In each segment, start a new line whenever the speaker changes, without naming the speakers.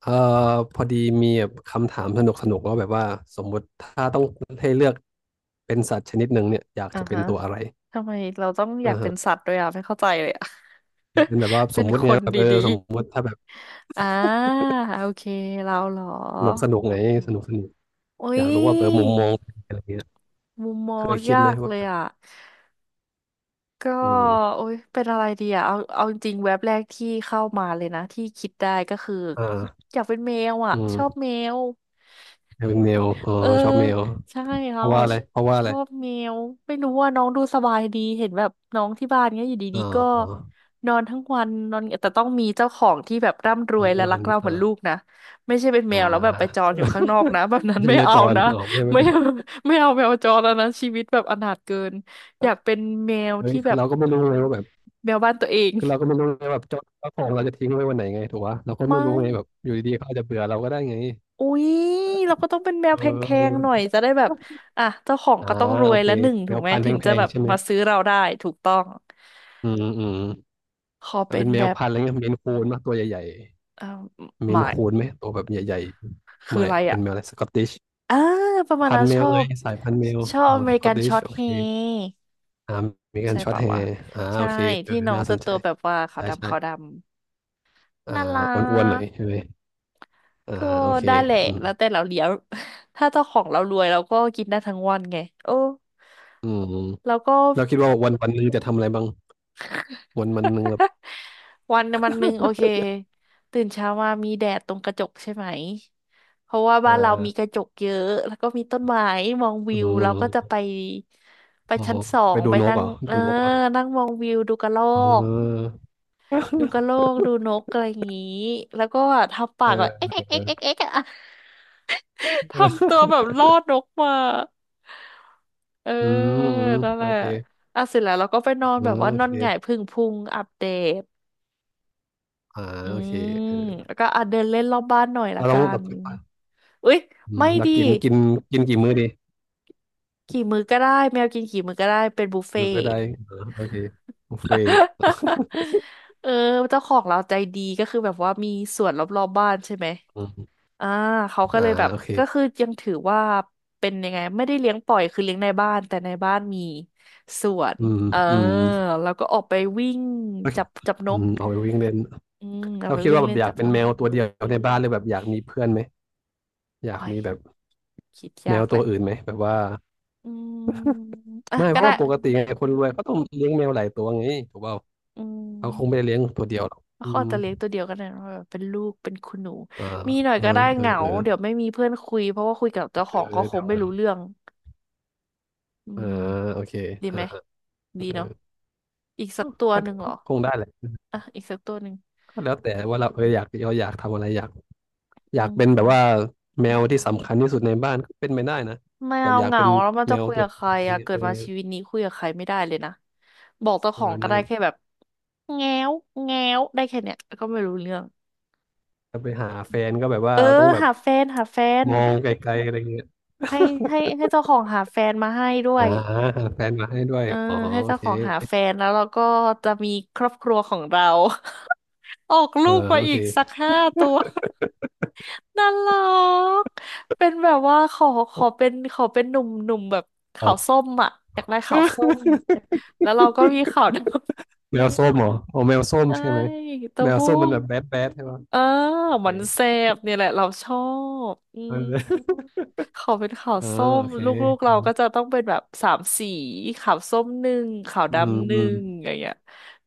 เอ่อพอดีมีแบบคำถามสนุกสนุกว่าแบบว่าสมมุติถ้าต้องให้เลือกเป็นสัตว์ชนิดหนึ่งเนี่ยอยาก
อ่า
จะเป็น
ฮะ
ตัวอะไร
ทำไมเราต้องอ
อ่า
ยากเป็
ฮะ
นสัตว์ด้วยอ่ะไม่เข้าใจเลยอ่ะ
เป็นแบบว่า ส
เป็
ม
น
มุติ
ค
ไง
น
แบบเออ
ดี
สมมุติถ้าแบบ
ๆอ่าโอเคเราเหรอ
สนุกสนุกไงสนุกสนุก
อุ้
อ
ย
ยากรู้ว่าเออมุมมองอะไรเงี้ย
มุมมอ
เค
ง
ยคิด
ยา
ไหม
ก
ว่า
เลยอ่ะก็
อืม
โอ้ยเป็นอะไรดีอ่ะเอาจริงๆแว็บแรกที่เข้ามาเลยนะที่คิดได้ก็คือ
อ่า
อยากเป็นแมวอ่ะ
อื
ช
ม
อบแมว
อยากเป็นแมวอ๋อ
เออ
ชอบแมว
ใช่
เพ
เรา
ราะว่า
อะ
อะไร
ช
เพราะว่าอะ
ช
ไร
อบแมวไม่รู้ว่าน้องดูสบายดีเห็นแบบน้องที่บ้านเนี้ยอยู่
อ๋
ดี
อ
ๆก็
อ๋อ
นอนทั้งวันนอนแต่ต้องมีเจ้าของที่แบบร่ำร
อ๋อ
วย
น้อง
และ
วั
รัก
น
เราเห
อ่า
มือนลูกนะไม่ใช่เป็นแม
อ่า
วแล้วแบบไปจรอยู่ข้างนอกนะ แบบ นั้น
ไม่ใช่
ไม่
แมว
เอา
จร
นะ
อ๋อไม่ ใช่แมว
ไม่
จร
ไม่เอาแมวจรแล้วนะชีวิตแบบอนาถเกินอยากเป็นแมว
เฮ้ย
ที่แบ
คือ
บ
เราก็ไม่รู้เลยว่าแบบ
แมวบ้านตัวเอง
คือเราก็ไม่รู้ไงแบบเจ้าของเราจะทิ้งไว้วันไหนไงถูกปะเราก็ไม่
ไม่
รู้ไงแบบอยู่ดีๆเขาอาจจะเบื่อเราก็ได้ไง
อุ๊ยเราก็ต้องเป็นแม
เ
วแพงๆ
ออ
หน่อยจะได้แบบอ่ะเจ้าของ
อ่า
ก็ต้องร
โอ
วย
เค
และหนึ่ง
แม
ถูก
ว
ไหม
พันธุ์
ถึง
แพ
จะ
ง
แบ
ๆ
บ
ใช่ไหม
มาซื้อเราได้ถูกต้อง
อืมอืม
ขอ
อ่ะ
เป็
เป็
น
นแม
แบ
ว
บ
พันธุ์อะไรเงี้ยเมนคูนป่ะตัวใหญ่
เอ่อ
ๆเม
ห
น
มาย
คูนไหมตัวแบบใหญ่ๆ
คือ
ไม่
อะไร
อ่ะเป็
อ่ะ
นแมวอะไรสกอตติช
อ่าประมาณ
พัน
นั้น
ธุ์แม
ช
ว
อ
เลย
บ
สายพันธุ์แมว
ชอบ
อ๋
อ
อ
เม
ส
ริ
กอ
กั
ต
น
ติ
ช็
ช
อต
โอ
เฮ
เค
ร์
อ่ามีการ
ใช่
ช็อต
ปะ
แฮ
วะ
ร์อ่า
ใช่
โอเคเออ
ที่น้อง
น่าส
จะ
นใจ
ตัวแบบว่าขาว
ใช่
ดำขาวด
ใช่
ำ
อ่
น่า
า
รั
อ้วนๆหน่อย
ก
ใช่ไหมอ่า
ก็
โอเค
ได้แหละ
อืม
แล้วแต่เราเลี้ยง ถ้าเจ้าของเรารวยเราก็กินได้ทั้งวันไงโอ้
อืม
แล้วก็
เราคิดว่าวันวันหนึ่งจะทำอะไรบ้างวันวันหนึ่ง
วันวันหนึ่งโอเคตื่นเช้ามามีแดดตรงกระจกใช่ไหมเพราะว่า
อ่
บ้านเรามีก
า
ระจกเยอะแล้วก็มีต้นไม้มอง
อื
วิวเราก็จะ
ม
ไปไป
อ๋อ
ชั้นสอ
ไป
ง
ดู
ไป
นก
นั่
เห
ง
รอ
เอ
ดู
อ
นกเหรอ
นั่งมองวิวดูกระรอ
อืม
ก
เออ
ดูกระโลกดูนกอะไรอย่างงี้แล้วก็ทำปา
เออ
กแบบเอ๊กเอ๊ก
เอ
เอ๊
อ
กเอ๊กเอ๊กอะ ทำตัวแบบล่อนกมาเออ
อืมอืม
นั่นแห
โอ
ละ
เค
อ่ะเสร็จแล้วเราก็ไปนอน
อื
แบบ
ม
ว่า
โอ
นอ
เค
นหงายผึ่งพุงอัปเดต
อ่า
อื
โอเค
ม
เออ
แล้วก็อ่ะเดินเล่นรอบบ้านหน่อยละ
เรา
กั
ลองแบ
น
บ
อุ๊ย
อื
ไม่
มดั
ดี
กกินกินกินกี่มื้อดี
กี่มื้อก็ได้แมวกินกี่มื้อก็ได้เป็นบุฟเฟ่
มื้
ต์
อใด อ่าโอเคบุฟเฟ่ต์
เออเจ้าของเราใจดีก็คือแบบว่ามีสวนรอบๆบ้านใช่ไหม
อืม
อ่าเขาก็
อ่า
เลยแบบ
โอเค
ก็คือยังถือว่าเป็นยังไงไม่ได้เลี้ยงปล่อยคือเลี้ยงในบ้านแต่ในบ้านมีสวน
อืม
เออ
อืม
แล้วก็ออกไปวิ่ง
โอเค
จับน
อื
ก
มเอาไปวิ่งเล่น
อืมเอา
เรา
ไป
คิด
วิ่
ว่า
ง
แบ
เล่
บ
น
อยา
จั
ก
บ
เป็
น
น
ก
แมวตัวเดียวในบ้านเลยแบบอยากมีเพื่อนไหมอยาก
โอ้ย
มีแบบ
คิด
แม
ยา
ว
กแห
ตัว
ละ
อื่นไหมแบบว่า
อืมอ่ะ
ไม่
ก็
เพราะ
ได้
ว่าปกติไงคนรวยเขาต้องเลี้ยงแมวหลายตัวไงถูกเปล่า
อื
เขาคงไม่
ม
ได้เลี้ยงตัวเดียวหรอกอื
เขา
ม
อาจจะเลี้ยงตัวเดียวกันนะแบบเป็นลูกเป็นคุณหนู
อ่า
มีหน่อย
เออ
ก็ได้
เอ
เห
อ
งา
เออ
เดี๋ยวไม่มีเพื่อนคุยเพราะว่าคุยกับเจ้าข
เอ
องก็
อ
ค
เดี๋
ง
ย
ไม่รู้
ว
เรื่องอื
อ่า
ม
โอเค
ดี
อ่า
ไหม
เอ
ดี
อ
เนาะอีก
ก
สักตัว
็
หนึ่งเหร
ก็
อ
คงได้แหละ
อ่ะอีกสักตัวหนึ่ง
ก็แล้วแต่ว่าเราเอออยากเราอยากทำอะไรอยากอ
อื
ยากเป็นแบบว่า
ม
แมวที่สำคัญที่สุดในบ้านก็เป็นไม่ได้นะ
ไม่
แบบ
เอา
อยาก
เหงา
เป็น
แล้วมัน
แม
จะ
ว
คุย
ตัว
กับ
เ
ใคร
ดี
อะ
ยว
เกิ
เอ
ด
อ
มาชีวิตนี้คุยกับใครไม่ได้เลยนะบอกเจ้า
เอ
ของ
อ
ก็
นั่น
ได้
แห
แค่
ละ
แบบแง้วแง้วได้แค่เนี้ยแล้วก็ไม่รู้เรื่อง
จะไปหาแฟนก็แบบว่า
เออ
ต้องแบบ
หาแฟนหาแฟน
มองไกลๆอะไรเงี้ย
ให้ให้เจ้าของหาแฟนมาให้ด้ว
อ่า
ย
หาแฟนมาให้ด้วย
เออ
อ๋อ
ให้
โอ
เจ้า
เค
ของหาแฟนแล้วเราก็จะมีครอบครัวของเรา ออก
เออ
ลูกมา
โอ
อี
เค
กสักห้าตัว น่ารักเป็นแบบว่าขอเป็นหนุ่มหนุ่มแบบ
อ
ขา
อ
ว
ก
ส้มอ่ะอยากได้ขาวส้มแล้วเราก็มีขาวดำ
แมวส้มเหรออ๋อแมวส้ ม
ใช่
ใช่ไหม
ตัว
แมว
บุ้
ส้มมัน
ง
แบบแบดแบดใช่ปะ
เออ
โอเค
มันแซ่บเนี่ยแหละเราชอบอื
เ
ม
ออ
เขาเป็นขาว
อ่า
ส้ม
โอเค
ลูกๆเราก็จะต้องเป็นแบบสามสีขาวส้มหนึ่งขาว
อืม
ดำห
อื
นึ่
ม
งอะไรอย่างเงี้ย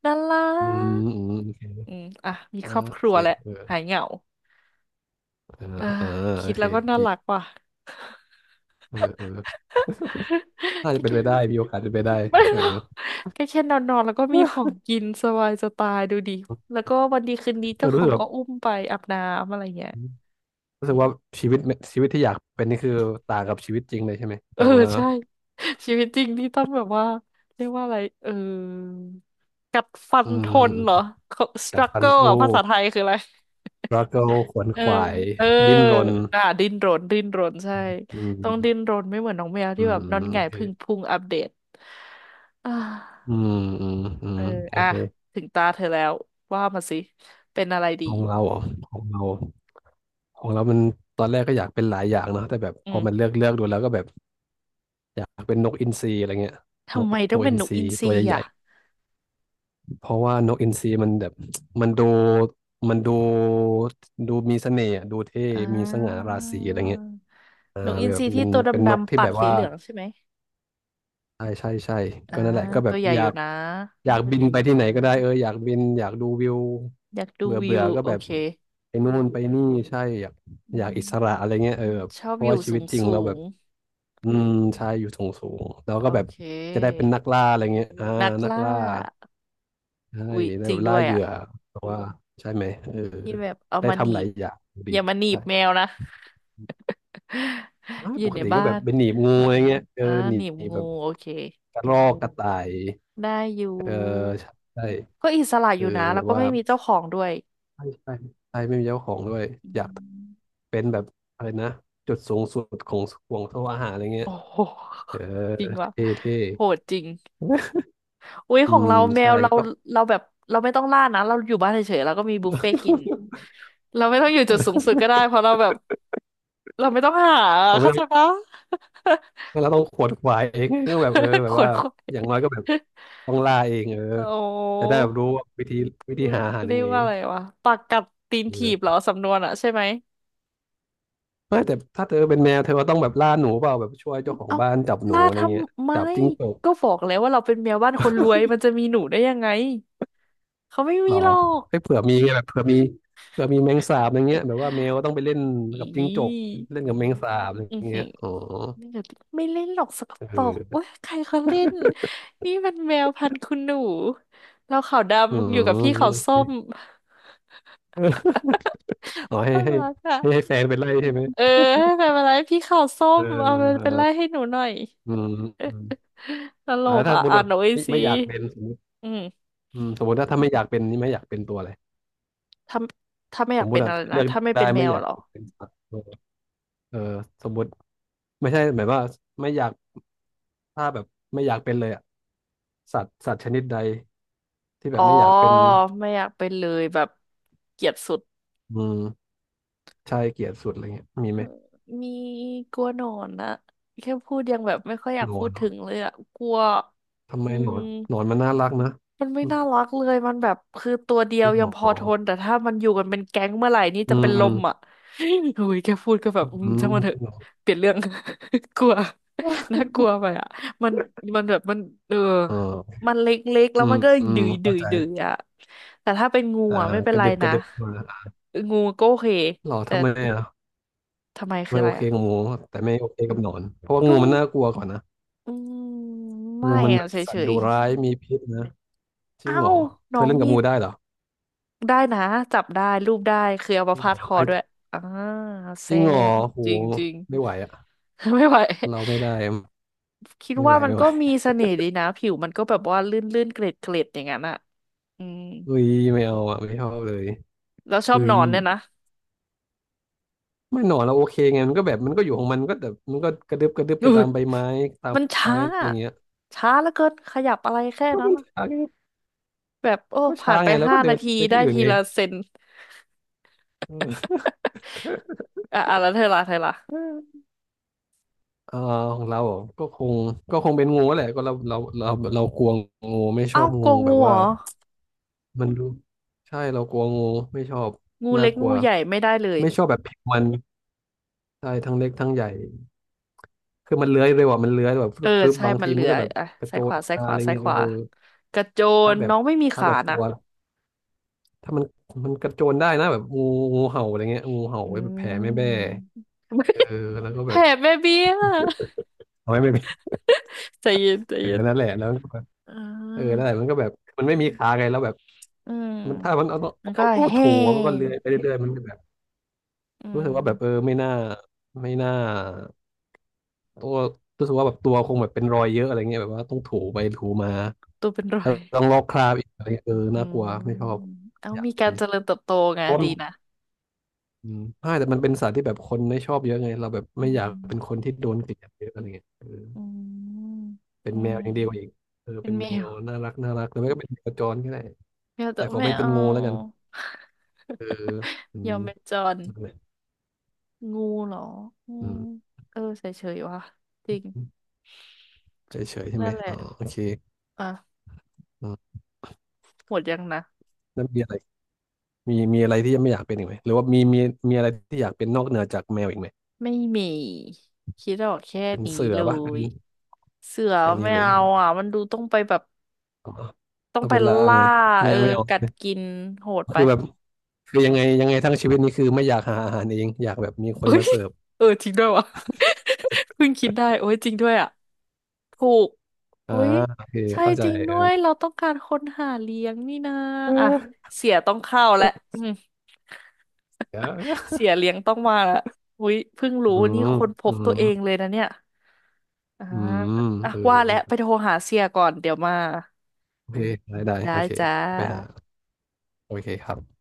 น่ารั
อื
ก
มอืมโอเค
อืมอ่ะมี
อ่า
ครอบค
โอ
รั
เค
วแล้ว
เออ
หายเหงา
อ่า
เออ
อ่าโอ
คิด
เค
แล้วก็น่า
ดี
รักว่ะ
เออเออ น่าจะ
แค่
เป็นไปได้
แค่
มีโอกาสเป็นไปได้
ไม่
เอ
ห
อ
รอกแค่นอนนอนแล้วก็มีของกินสบายจะตายดูดิแล้วก็วันดีคืนดี
เอ
เจ้า
อ
ข
รู้
อ
สึ
ง
กแบ
ก็
บ
อุ้มไปอาบน้ำอะไรเงี้ย
รู้สึกว่าชีวิตชีวิตที่อยากเป็นนี่คือต่างกับชีวิตจริงเลยใช่ไหม
เอ
แต่
อ
ว่า
ใช่ชีวิตจริงนี่ต้องแบบว่าเรียกว่าอะไรเออกัดฟั
อื
นทนเหรอ
มกัดฟัน
struggle อ่ะ
สู้
ภาษาไทยคืออะไร
รักเกิลขวน
เออ
ขวาย
เออ
ดิ้นรน
อ่ะดิ้นรนดิ้นรนใช่
อื
ต้องดิ้
ม
นรนไม่เหมือนน้องแมว
อื
ที่
ม
แบ
อื
บน
ม
อนห
โอ
งาย
เค
พึ่งพุงอัปเดตอ่
อื
า
มอืมอื
เอ
ม
อ
โอ
อ่ะ
เค
ถึงตาเธอแล้วว่ามาสิเป็นอะไรดี
ของเราเหรอของเราของเรามันตอนแรกก็อยากเป็นหลายอย่างเนอะแต่แบบ
อื
พอมันเลื
ม
อกเลือกดูแล้วก็แบบอยากเป็นนกอินทรีอะไรเงี้ยน
ทำ
ก
ไมต้อ
ตั
ง
ว
เป็
อิ
น
น
น
ท
ก
รี
อินท
ตั
รี
วใหญ่
อ่ะ
ๆเพราะว่านกอินทรีมันแบบ มันดูมันดูมีเสน่ห์อะดูเท่
อ่
มีสง่าราศีอะไร
า
เงี้ยอ่า
นกอิน
แบ
ท
บ
รี
เป็
ที่
น
ตัวด
เป็นนก
ำๆ
ที่
ปา
แบ
ก
บ
สี
ว่า
เหลืองใช่ไหม
ใช่ใช่ใช่
อ่า
ก็นั่นแหละก็แบ
ตั
บ
วใหญ่
อ
อ
ยา
ยู่
ก
นะ
อยากบินไปที่ไหนก็ได้เอออยากบินอยากดูวิว
อยากดู
เบื่อ
วิ
เบื่อ
ว
ก็
โอ
แบบ
เค
ไปนู่นไปนี่ใช่อยาก
อื
อยากอิสระอะไร
ม
เงี้ยเออแบบ
ชอบ
เพ
อ
ราะ
ยู่
ว่าชี
สู
วิต
ง
จริง
สู
เราแบ
ง
บอืมใช่อยู่สูงสูงแล้ว
โอ
ก็แบบ
เค
จะได้เป็นนักล่าอะไรเงี้ยอ่า
นัก
นัก
ล่า
ล่าใช่
อุ๊ย
ได้
จริ
แบ
ง
บ
ด้
ล่า
วย
เหยื่
อ่ะ
อเพราะว่าใช่ไหมเออ
ที่แบบเอา
ได้
มาหนี
ทำหลาย
บ
อย่าง
อ
ดี
ย่ามาหนี
ใช่
บแมวนะ
ไม่
อยู่
ปก
ใน
ติก็
บ้า
แบบ
น
เป็นหนีบงูอะไรเงี้ยเออ
อ่า
หนี
หนีบ
บ
งู
แบบ
โอเค
กระรอกกระต่าย
ได้อยู่
เออใช่
ก็อิสระ
เอ
อ
อ
ยู่นะ
แบ
แล้ว
บ
ก็
ว่า
ไม่มีเจ้าของด้วย
ใช่ใช่ใช่ไม่มีเจ้าของด้วย
อื
อยาก
ม
เป็นแบบอะไรนะจุดสูงสุดของห่วงโซ่อาหารอะไรเงี้
โอ้
ย
โห
เออ
จริงว่ะ
เท่เท่
โหดจริง อุ๊ย
อื
ของ
ม
เราแม
ใช่
วเรา
ก็
เราแบบเราไม่ต้องล่านะเราอยู่บ้านเฉยๆเราก็มีบุฟเฟ่ต์กินเราไม่ต้องอยู่จุดสูง สุดก็ได้เพราะเราแบบเราไม่ต้องหา
เราไม่
เข้า
ต้อ
ใจ
ง
ปะ
เราต้องขวนขวายเองก็แบบเออแบ
ข
บ
ว
ว่า
นขวาย
อย่างน้อยก็แบบต้องล่าเองเออ
โอ้
จะได้แบบรู้ว่าวิธีหาอาหารยั
เรี
ง
ยก
ไง
ว่าอะไรวะปากกัดตีน
เ
ถีบเห
อ
ร
อ
อสำนวนอะใช่ไหม
ไม่แต่ถ้าเธอเป็นแมวเธอก็ต้องแบบล่าหนูเปล่าแบบช่วยเจ้าของ
เอ้า
บ้านจับหนู
ล่า
อะ
ท
ไรเงี้ย
ำไม
จับจิ้งจก
ก็บอกแล้วว่าเราเป็นแมวบ้านคนรวยมันจะมีหนูได้ยังไงเขาไม่
ห
มี
รอ
หรอก
ให้เผื่อมีไงแบบเผื่อมีแมงสาบอย่างเงี้ยแบบว่าแมวต้องไปเล่น
อ
กับจิ้งจก
ี
เล่นกับแมงสาบอ
อือ
ย่าง
หื
เงี้
อ
ยอ๋อ
ไม่เล่นไม่เล่นหรอกสก
เอ
ปรกเว้ย
อ
ใครเขาเล่นนี่มันแมวพันธุ์คุณหนูเราขาวด
อื
ำอยู่กับ
ม
พี่
โอ
ขาวส้
เค
ม
อ๋อ ให้
น่า
ให้
รักอ่ะ
ให้แฟนไปไล่ใช่ไหม
เออไม่เป็นไรพี่ขาวส้
เอ
ม
อ
เอาไป
เอ
เป็น
อ
ไล่ให้หนูหน่อย
อืม
เออ
อืม
ตล
แล้
ก
วถ้า
อ่ะ
สมมติ
อ่า
แบ
น
บ
หน่อย
ไม่
สิ
ไม่อยากเป็นสมมติ
อืม
อืมสมมติถ้าไม่อยากเป็นนี่ไม่อยากเป็นตัวอะไร
ถ้าถ้าไม่อ
ส
ยา
ม
ก
ม
เป็
ติ
น
อะ
อะไร
เลื
นะ
อก
ถ้าไม่
ได้
เป็นแม
ไม่
ว
อยาก
เหรอ
เป็นสัตว์เออเออสมมติไม่ใช่หมายว่าไม่อยากถ้าแบบไม่อยากเป็นเลยอะสัตว์ชนิดใดที่แบ
อ๋อ
บไม่อยากเป็น
ไม่อยากเป็นเลยแบบเกลียดสุด
อืมชายเกลียดสุดอะไรเงี้ยมี
เอ
ไห
อ
ม
มีกลัวหนอนนะแค่พูดยังแบบไม่ค่อยอยาก
หนอ
พู
น
ด
เหรอ
ถึงเลยอะกลัว
ทำไม
อื
หน
ม
อนหนอนมันน่ารักนะ
มันไม่
มัน
น่ารักเลยมันแบบคือตัวเดีย
เป
ว
ห
ยั
ม
งพ
อ
อทนแต่ถ้ามันอยู่กันเป็นแก๊งเมื่อไหร่นี่
อื
จะเป็
ม
นล
อืม
มอ่ะ โอ้ยแค่พูดก็แบบ
อื
อืม
ม
ช่างมันเถอะ
พี่หนอน
เปลี่ยนเรื่อง กลัว น่ากลัวไปอ่ะมันมันแบบมันเออ
เออ
มันเล็กๆแล้
อื
วมั
ม
นก็
อื
ดื
ม
อยดื
เข้า
อย
ใจ
ดือยอ่ะแต่ถ้าเป็นงู
อ่า
อ่ะไม่เป็
ก
น
ระ
ไร
ดึบก
นะ
ระดึบมา
งูก็โอเค
หรอ
แต่
ทำไมอ่ะ
ทำไมคือ
ไม่
อะ
โอ
ไร
เค
อ่ะ
กับงูแต่ไม่โอเคกับหนอนเพราะว่างู
กุ้ง
มันน่ากลัวกว่านะ
อืมไม่
งูมันแบ
อะ
บ
เฉ
สัตว์ดุ
ย
ร้ายมีพิษนะจ
ๆ
ริง
เอ้า
เหรอเธ
น้
อ
อง
เล่นกับ
มี
งูได้เหรอ
ได้นะจับได้รูปได้คือเอา
จ
มา
ริง
พา
เหร
ด
อ
ค
ใค
อ
ร
ด้วยอ่า
จ
แซ่
ริงเหรอ
บ
โห
จริง
ไม่ไหวอ่ะ
ๆ ไม่ไหว
เราไม่ได้
คิด
ไม่ไห
ว่า
ว
มัน
ไม่ไห
ก็
ว
มีเสน่ห์ดีนะผิวมันก็แบบว่าลื่นๆเกล็ดๆอย่างนั้นอ่ะอืม
อุ้ยไม่เอาอ่ะไม่ชอบเลย
แล้วชอบ
อุ้
น
ย
อนเนี่ยนะ
ไม่หนอนเราโอเคไงมันก็แบบมันก็อยู่ของมันก็แบบมันก็กระดึบกระดึบไป
อุ้
ตา
ย
มใบไม้ตาม
มัน
ไม้
ช้า
อะไรเงี้ย
ช้าเหลือเกินขยับอะไรแค่
ก็
นั้น
มัน
น่ะ
ช้าไง
แบบโอ้
ก็ช้า
ผ่านไป
ไงแล้ว
ห้า
ก็เดิ
นา
น
ที
ไป
ได้
ที่อื่น
ที
ไง
ละเซน
เออ
อ่ะอ่ะแล้วเธอละเธอละ
เออของเราเหรอก็คงเป็นงูแหละก็เรากลัวงูไม่ช
เอ้า
อบ
โก
งูแบ
งู
บ
เหร
ว่า
อ
มันดูใช่เรากลัวงูไม่ชอบ
งู
น่า
เล็ก
กลั
งู
ว
ใหญ่ไม่ได้เลย
ไม่ชอบแบบผิวมันใช่ทั้งเล็กทั้งใหญ่คือมันเลื้อยเร็วอ่ะมันเลื้อยแบบฟ
เอ
รึ
อ
บฟ
ใช่
บาง
มัน
ที
เหลื
มัน
อ
ก็แบบ
อ่ะ
กระโจ
ซ้ายข
น
วาซ้าย
มา
ข
อะ
วา
ไร
ซ้าย
เงี้ย
ข
เออ
วากระโจ
ถ้า
น
แบบ
น้องไม่มี
ถ้า
ขา
แบบตั
นะ
ว ถ้ามันมันกระโจนได้นะแบบงูงูเห่าอะไรเงี้ยงูเห่า
อื
ไว้แบบแผ่แม่แบ้
ม
เออ แล้วก็
แผ
แบ
ล
บ
แม่เบี้ย
เอาไว้ไม่เป็น
ใจเย็นใจ
เออ
เย็น
นั่นแหละแล้วมันก็แบบ
อ่
เออนั่
า
นแหละมันก็แบบมันไม่มีขาไงแล้วแบบ
อืม
มันถ้ามันเอาตัว
มันก็
เอาตัว
เฮ่
ถูอะมันก็เลื้อยไปเรื่อยๆมันก็แบบ
อื
รู้สึกว่าแบบเออ
ม
ไม่น่าไม่น่าตัวรู้สึกว่าแบบตัวคงแบบเป็นรอยเยอะอะไรเงี้ยแบบว่าต้องถูไปถูมา
ตัวเป็นรอ
แล้ว
ย
ต้องลอกคราบอีกอะไรเงี้ยเออ
อื
น่ากลัวไม่ช
ม
อบ
เอา
อยาก
มี
เป็
กา
น
รเจริญเติบโตไง
เพราะมั
ดี
น
นะ
อืมใช่แต่มันเป็นสัตว์ที่แบบคนไม่ชอบเยอะไงเราแบบ
อื
ไม่อยาก
ม
เป็นคนที่โดนเกลียดเยอะอะไรเงี้ยเออ
อืม
เป็น
อื
แมวอยังเดีก
ม
ว่าอีกเออ
เป็
เป็
น
น
แม
แมว
ว
น่ารักหรือไม่ก็เป็นแมวจรก็ได้
แมว
แต่
จะ
ขอ
ไม่
ไม่เป็น
เอา
งูแล้วกันเอออื
ย
ม
อมเป็นจร
นั่นแหละ
งูเหรออื
อื
ม
ม
เออเฉยๆว่ะ จริง
เฉยเฉยใช่ไห
นั่
ม
นแหละ
อ๋อโอเค
อ่ะ
อืม
หมดยังนะ
แล้วมีอะไรมีอะไรที่ยังไม่อยากเป็นอีกไหมหรือว่ามีอะไรที่อยากเป็นนอกเหนือจากแมวอีกไหม
ไม่มีคิดออกแค่
เป็น
นี้
เสือ
เล
ปะเป็น
ย เสือ
แค่นี้
ไม่
เลย
เอาอ่ะ มันดูต้องไปแบบ
อ๋อ
ต้อง
เอา
ไป
เป็นล่า
ล่า
ไงไม่
เออ
เอาไม่เอา
กั
ใช่
ด
ไหม
กินโหดไป
คือแบบคือยังไงทั้งชีวิตนี้คือไม่อยากหาอาหารเองอยากแบบมีคน
เอ้
มา
ย
เสิร์ฟ
เออจริงด้วยว่ะ เพิ่งคิดได้โอ้ยจริงด้วยอ่ะ ถูก
อ่า
อุ๊ย
โอเค
ใช่
เข้าใจ
จริง
เอ
ด้
อ
วย เราต้องการคนหาเลี้ยงนี่นะอ่ะเสียต้องเข้าแล้วอืม
เ ออ
เสียเลี้ยงต้องมาละอุ๊ยเพิ่งรู้
อื
นี่
ม
ค้นพ
อื
บตั
ม
วเองเลยนะเนี่ยอ่า
อืม
อ่ะ
เอ
ว่าแล้วไป
อ
โทรหาเสียก่อนเดี๋ยวมา
โอเคได้
ได้
โอเค
จ้า
ไปหาโอเคครับ